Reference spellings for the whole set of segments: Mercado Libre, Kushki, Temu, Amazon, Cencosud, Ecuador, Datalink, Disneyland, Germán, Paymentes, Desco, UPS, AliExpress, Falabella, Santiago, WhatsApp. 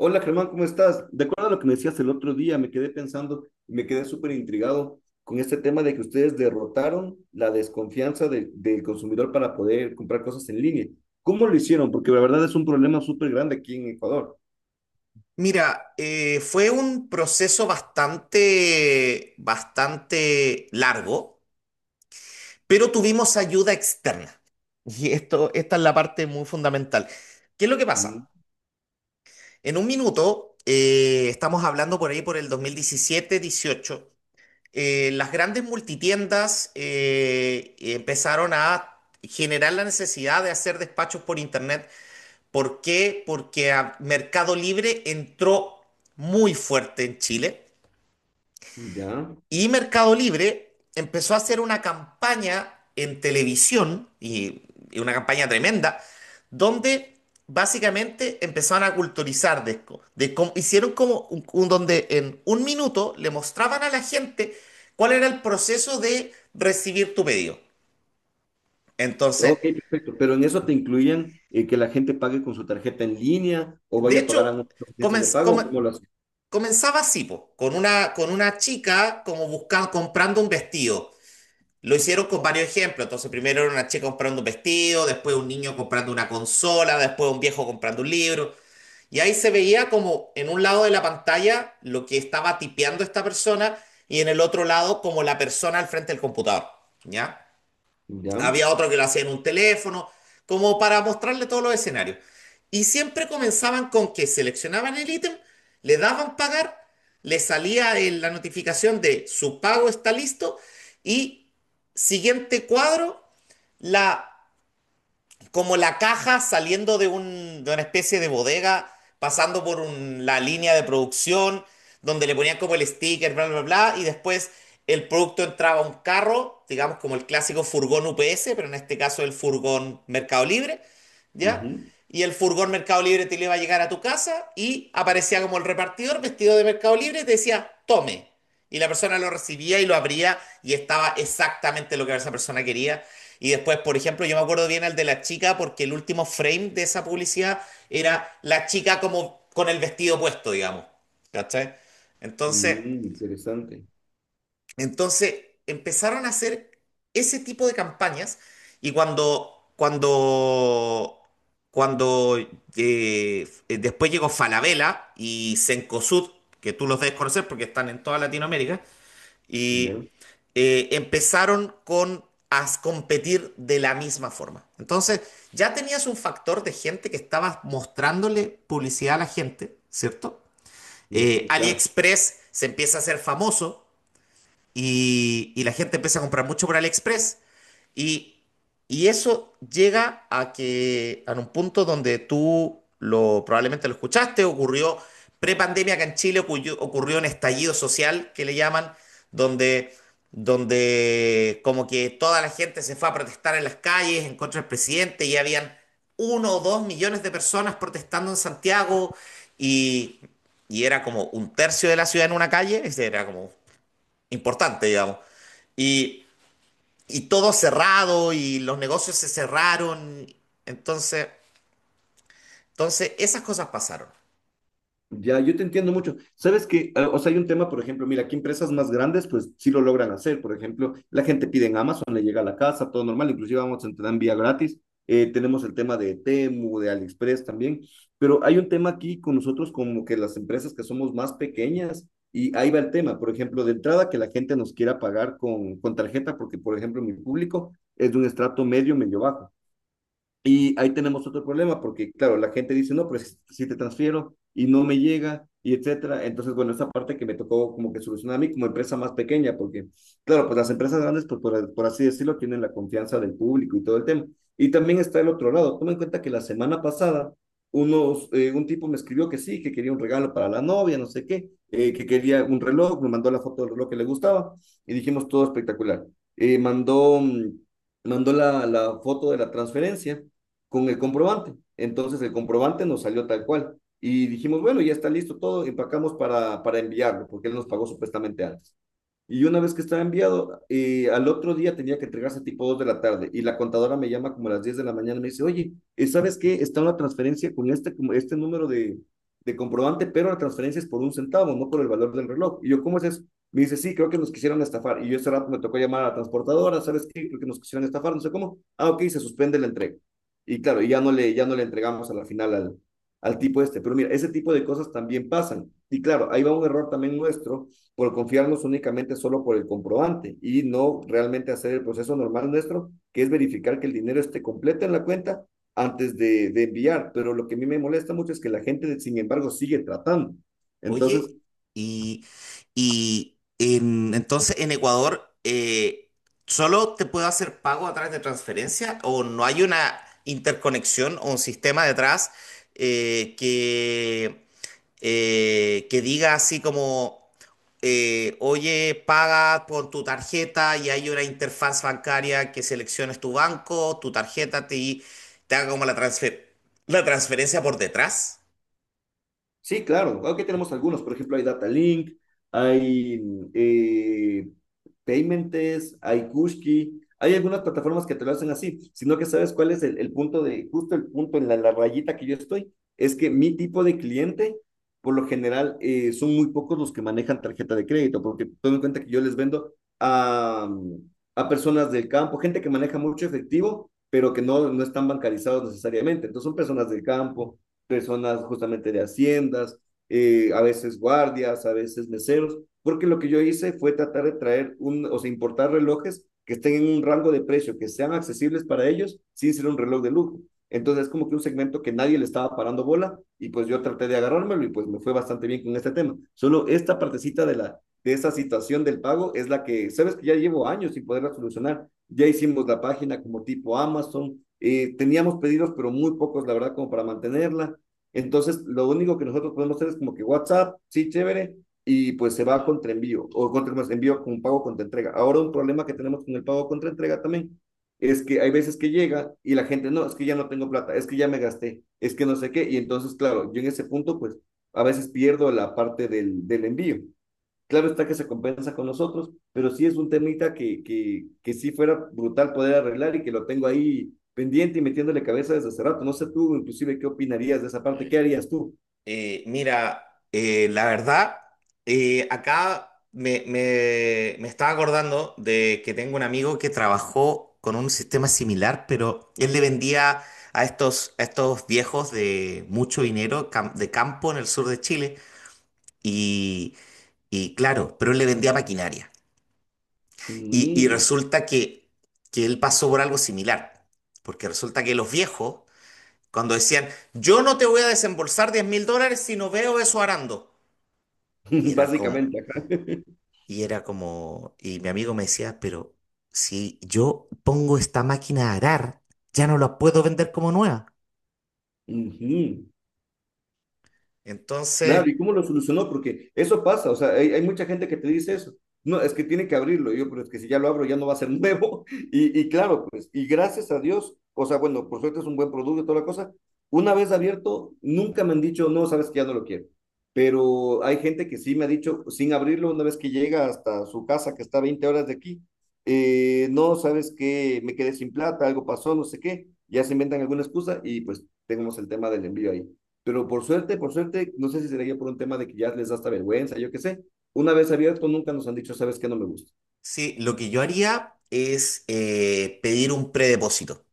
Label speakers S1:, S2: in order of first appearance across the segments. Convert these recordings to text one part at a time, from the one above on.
S1: Hola Germán, ¿cómo estás? De acuerdo a lo que me decías el otro día, me quedé pensando, me quedé súper intrigado con este tema de que ustedes derrotaron la desconfianza del consumidor para poder comprar cosas en línea. ¿Cómo lo hicieron? Porque la verdad es un problema súper grande aquí en Ecuador.
S2: Mira, fue un proceso bastante largo, pero tuvimos ayuda externa. Y esto, esta es la parte muy fundamental. ¿Qué es lo que
S1: Mm,
S2: pasa? En un minuto, estamos hablando por ahí por el 2017-18, las grandes multitiendas empezaron a generar la necesidad de hacer despachos por internet. ¿Por qué? Porque a Mercado Libre entró muy fuerte en Chile.
S1: ya.
S2: Y Mercado Libre empezó a hacer una campaña en televisión, y una campaña tremenda, donde básicamente empezaron a culturizar Desco. De cómo- hicieron como un- donde en un minuto le mostraban a la gente cuál era el proceso de recibir tu pedido. Entonces,
S1: Ok, perfecto. Pero en eso te incluían que la gente pague con su tarjeta en línea o
S2: de
S1: vaya a pagar
S2: hecho,
S1: a unas agencias de
S2: comenz-
S1: pago,
S2: come-
S1: ¿cómo lo hacen?
S2: comenzaba así, po, con una chica como buscando, comprando un vestido. Lo hicieron con varios ejemplos. Entonces, primero era una chica comprando un vestido, después un niño comprando una consola, después un viejo comprando un libro. Y ahí se veía como en un lado de la pantalla lo que estaba tipeando esta persona y en el otro lado como la persona al frente del computador. ¿Ya?
S1: Ya.
S2: Había otro que lo hacía en un teléfono, como para mostrarle todos los escenarios. Y siempre comenzaban con que seleccionaban el ítem, le daban pagar, le salía el- la notificación de su pago está listo y siguiente cuadro, la como la caja saliendo de, un, de una especie de bodega, pasando por un- la línea de producción, donde le ponían como el sticker, bla, bla, bla, y después el producto entraba a un carro, digamos como el clásico furgón UPS, pero en este caso el furgón Mercado Libre, ¿ya?
S1: Ujú.
S2: Y el furgón Mercado Libre te le iba a llegar a tu casa y aparecía como el repartidor vestido de Mercado Libre y te decía, tome. Y la persona lo recibía y lo abría y estaba exactamente lo que esa persona quería y después, por ejemplo, yo me acuerdo bien al de la chica porque el último frame de esa publicidad era la chica como con el vestido puesto, digamos. ¿Cachai? Entonces,
S1: Mm, interesante.
S2: entonces empezaron a hacer ese tipo de campañas y cuando después llegó Falabella y Cencosud, que tú los debes conocer porque están en toda Latinoamérica,
S1: Ya.
S2: y empezaron con a competir de la misma forma. Entonces, ya tenías un factor de gente que estaba mostrándole publicidad a la gente, ¿cierto?
S1: Ujú, claro.
S2: AliExpress se empieza a hacer famoso y la gente empieza a comprar mucho por AliExpress. Y, y eso llega a que, a un punto donde tú lo, probablemente lo escuchaste, ocurrió prepandemia acá en Chile, ocurrió un estallido social que le llaman, donde, donde como que toda la gente se fue a protestar en las calles en contra del presidente y habían uno o dos millones de personas protestando en Santiago y, y era como un tercio de la ciudad en una calle, ese era como importante, digamos. Y, y todo cerrado y los negocios se cerraron. Entonces, entonces esas cosas pasaron.
S1: Ya, yo te entiendo mucho. Sabes que, o sea, hay un tema, por ejemplo, mira, aquí empresas más grandes, pues sí lo logran hacer. Por ejemplo, la gente pide en Amazon, le llega a la casa, todo normal, inclusive Amazon te da envía gratis. Tenemos el tema de Temu, de AliExpress también, pero hay un tema aquí con nosotros como que las empresas que somos más pequeñas y ahí va el tema, por ejemplo, de entrada que la gente nos quiera pagar con tarjeta, porque por ejemplo mi público es de un estrato medio, medio bajo. Y ahí tenemos otro problema, porque claro, la gente dice, no, pero si, si te transfiero y no me llega, y etcétera. Entonces, bueno, esa parte que me tocó como que solucionar a mí como empresa más pequeña, porque claro, pues las empresas grandes, pues por así decirlo, tienen la confianza del público y todo el tema. Y también está el otro lado. Toma en cuenta que la semana pasada, un tipo me escribió que sí, que quería un regalo para la novia, no sé qué, que quería un reloj, me mandó la foto del reloj que le gustaba y dijimos todo espectacular. Eh, mandó, mm, mandó la foto de la transferencia con el comprobante. Entonces el comprobante nos salió tal cual. Y dijimos, bueno, ya está listo todo, empacamos para enviarlo, porque él nos pagó supuestamente antes. Y una vez que estaba enviado, al otro día tenía que entregarse tipo 2 de la tarde y la contadora me llama como a las 10 de la mañana y me dice, oye, ¿sabes qué? Está una transferencia con este número de comprobante, pero la transferencia es por un centavo, no por el valor del reloj. Y yo, ¿cómo es eso? Me dice, sí, creo que nos quisieron estafar. Y yo ese rato me tocó llamar a la transportadora, ¿sabes qué? Creo que nos quisieron estafar, no sé cómo. Ah, ok, se suspende la entrega. Y claro, y ya no le entregamos a la final al tipo este. Pero mira, ese tipo de cosas también pasan. Y claro, ahí va un error también nuestro por confiarnos únicamente solo por el comprobante y no realmente hacer el proceso normal nuestro, que es verificar que el dinero esté completo en la cuenta antes de enviar. Pero lo que a mí me molesta mucho es que la gente, sin embargo, sigue tratando.
S2: Oye,
S1: Entonces,
S2: y, entonces en Ecuador, ¿solo te puedo hacer pago a través de transferencia o no hay una interconexión o un sistema detrás eh, que que diga así como, oye, paga con tu tarjeta y hay una interfaz bancaria que selecciones tu banco, tu tarjeta te, te haga como la la transferencia por detrás?
S1: Sí, claro. Aquí tenemos algunos. Por ejemplo, hay Datalink, hay eh, Paymentes, hay Kushki. Hay algunas plataformas que te lo hacen así, sino que sabes cuál es el punto de, justo el punto en la rayita que yo estoy, es que mi tipo de cliente, por lo general, son muy pocos los que manejan tarjeta de crédito, porque tomen en cuenta que yo les vendo a, a personas del campo, gente que maneja mucho efectivo, pero que no, no están bancarizados necesariamente. Entonces son personas del campo, personas justamente de haciendas, a veces guardias, a veces meseros, porque lo que yo hice fue tratar de traer, o sea, importar relojes que estén en un rango de precio, que sean accesibles para ellos sin ser un reloj de lujo. Entonces es como que un segmento que nadie le estaba parando bola y pues yo traté de agarrármelo y pues me fue bastante bien con este tema. Solo esta partecita de esa situación del pago es la que, sabes que ya llevo años sin poderla solucionar. Ya hicimos la página como tipo Amazon, teníamos pedidos pero muy pocos la verdad como para mantenerla. Entonces, lo único que nosotros podemos hacer es como que WhatsApp, sí, chévere, y pues se va contra envío, o contra más envío con pago contra entrega. Ahora un problema que tenemos con el pago contra entrega también es que hay veces que llega y la gente, no, es que ya no tengo plata, es que ya me gasté, es que no sé qué, y entonces, claro, yo en ese punto, pues a veces pierdo la parte del envío. Claro está que se compensa con nosotros, pero sí es un temita que sí fuera brutal poder arreglar y que lo tengo ahí pendiente y metiéndole cabeza desde hace rato. No sé tú, inclusive, qué opinarías de esa parte, qué harías tú.
S2: Mira, la verdad, acá me estaba acordando de que tengo un amigo que trabajó con un sistema similar, pero él le vendía a a estos viejos de mucho dinero de campo en el sur de Chile y, y claro, pero él le vendía maquinaria. Y
S1: Mm.
S2: resulta que él pasó por algo similar, porque resulta que los viejos, cuando decían, yo no te voy a desembolsar 10 mil dólares si no veo eso arando. Y era como,
S1: Básicamente, ajá.
S2: y era como, y mi amigo me decía, pero si yo pongo esta máquina a arar, ya no la puedo vender como nueva.
S1: Ujú. Claro,
S2: Entonces,
S1: ¿y cómo lo solucionó? Porque eso pasa, o sea, hay mucha gente que te dice eso. No, es que tiene que abrirlo. Y yo, pero es que si ya lo abro ya no va a ser nuevo. Y claro, pues, y gracias a Dios, o sea, bueno, por suerte es un buen producto y toda la cosa. Una vez abierto, nunca me han dicho, no, sabes que ya no lo quiero. Pero hay gente que sí me ha dicho, sin abrirlo, una vez que llega hasta su casa, que está a 20 horas de aquí, no, sabes que me quedé sin plata, algo pasó, no sé qué. Ya se inventan alguna excusa y pues tenemos el tema del envío ahí. Pero por suerte, no sé si sería por un tema de que ya les da hasta vergüenza, yo qué sé. Una vez abierto, nunca nos han dicho, ¿sabes qué? No me gusta.
S2: sí, lo que yo haría es pedir un predepósito.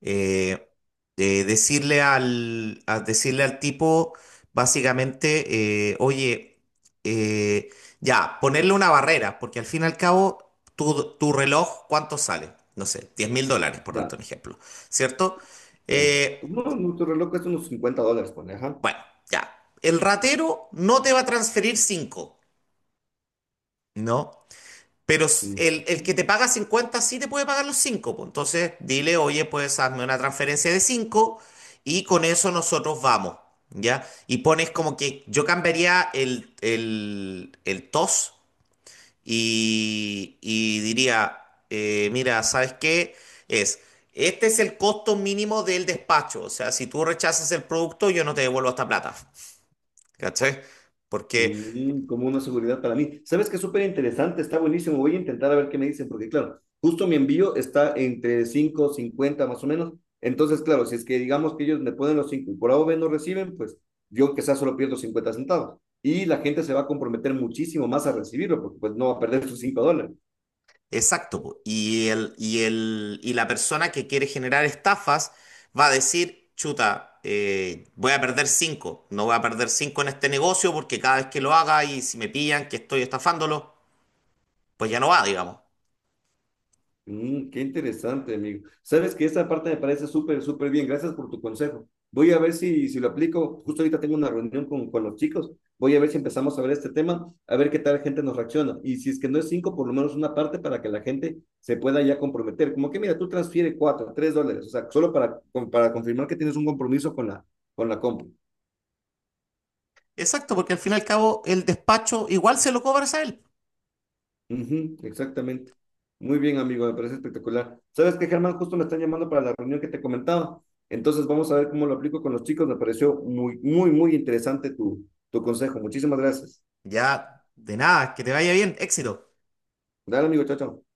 S2: eh, Decirle al, a decirle al tipo, básicamente, oye, eh, ya, ponerle una barrera, porque al fin y al cabo, tu reloj, ¿cuánto sale? No sé, 10 mil dólares, por darte
S1: Ya,
S2: un ejemplo, ¿cierto?
S1: ya.
S2: Eh,
S1: No, nuestro reloj cuesta unos $50, pone, ajá.
S2: bueno, ya, el ratero no te va a transferir cinco, ¿no? Pero
S1: Mm.
S2: el que te paga 50 sí te puede pagar los 5. Entonces dile, oye, pues hazme una transferencia de 5 y con eso nosotros vamos. ¿Ya? Y pones como que yo cambiaría el TOS y diría, mira, ¿sabes qué? Es, este es el costo mínimo del despacho. O sea, si tú rechazas el producto, yo no te devuelvo esta plata. ¿Cachai? Porque
S1: Como una seguridad para mí. ¿Sabes que es súper interesante? Está buenísimo. Voy a intentar a ver qué me dicen, porque claro, justo mi envío está entre 5 50 más o menos. Entonces, claro, si es que digamos que ellos me ponen los 5 y por A o B no reciben, pues yo quizás solo pierdo 50 centavos. Y la gente se va a comprometer muchísimo más a recibirlo, porque pues no va a perder sus $5.
S2: exacto, po. Y el, y el, y la persona que quiere generar estafas va a decir, chuta, voy a perder cinco, no voy a perder cinco en este negocio porque cada vez que lo haga y si me pillan que estoy estafándolo, pues ya no va, digamos.
S1: Qué interesante, amigo. Sabes que esa parte me parece súper, súper bien. Gracias por tu consejo. Voy a ver si, si lo aplico. Justo ahorita tengo una reunión con los chicos. Voy a ver si empezamos a ver este tema, a ver qué tal gente nos reacciona. Y si es que no es cinco, por lo menos una parte para que la gente se pueda ya comprometer. Como que, mira, tú transfiere cuatro, tres dólares. O sea, solo para confirmar que tienes un compromiso con la compra.
S2: Exacto, porque al fin y al cabo el despacho igual se lo cobras a él.
S1: Ujú, exactamente. Muy bien, amigo, me parece espectacular. ¿Sabes qué, Germán? Justo me están llamando para la reunión que te comentaba. Entonces vamos a ver cómo lo aplico con los chicos. Me pareció muy, muy, muy interesante tu, tu consejo. Muchísimas gracias.
S2: Ya, de nada, que te vaya bien, éxito.
S1: Dale, amigo, chao, chao.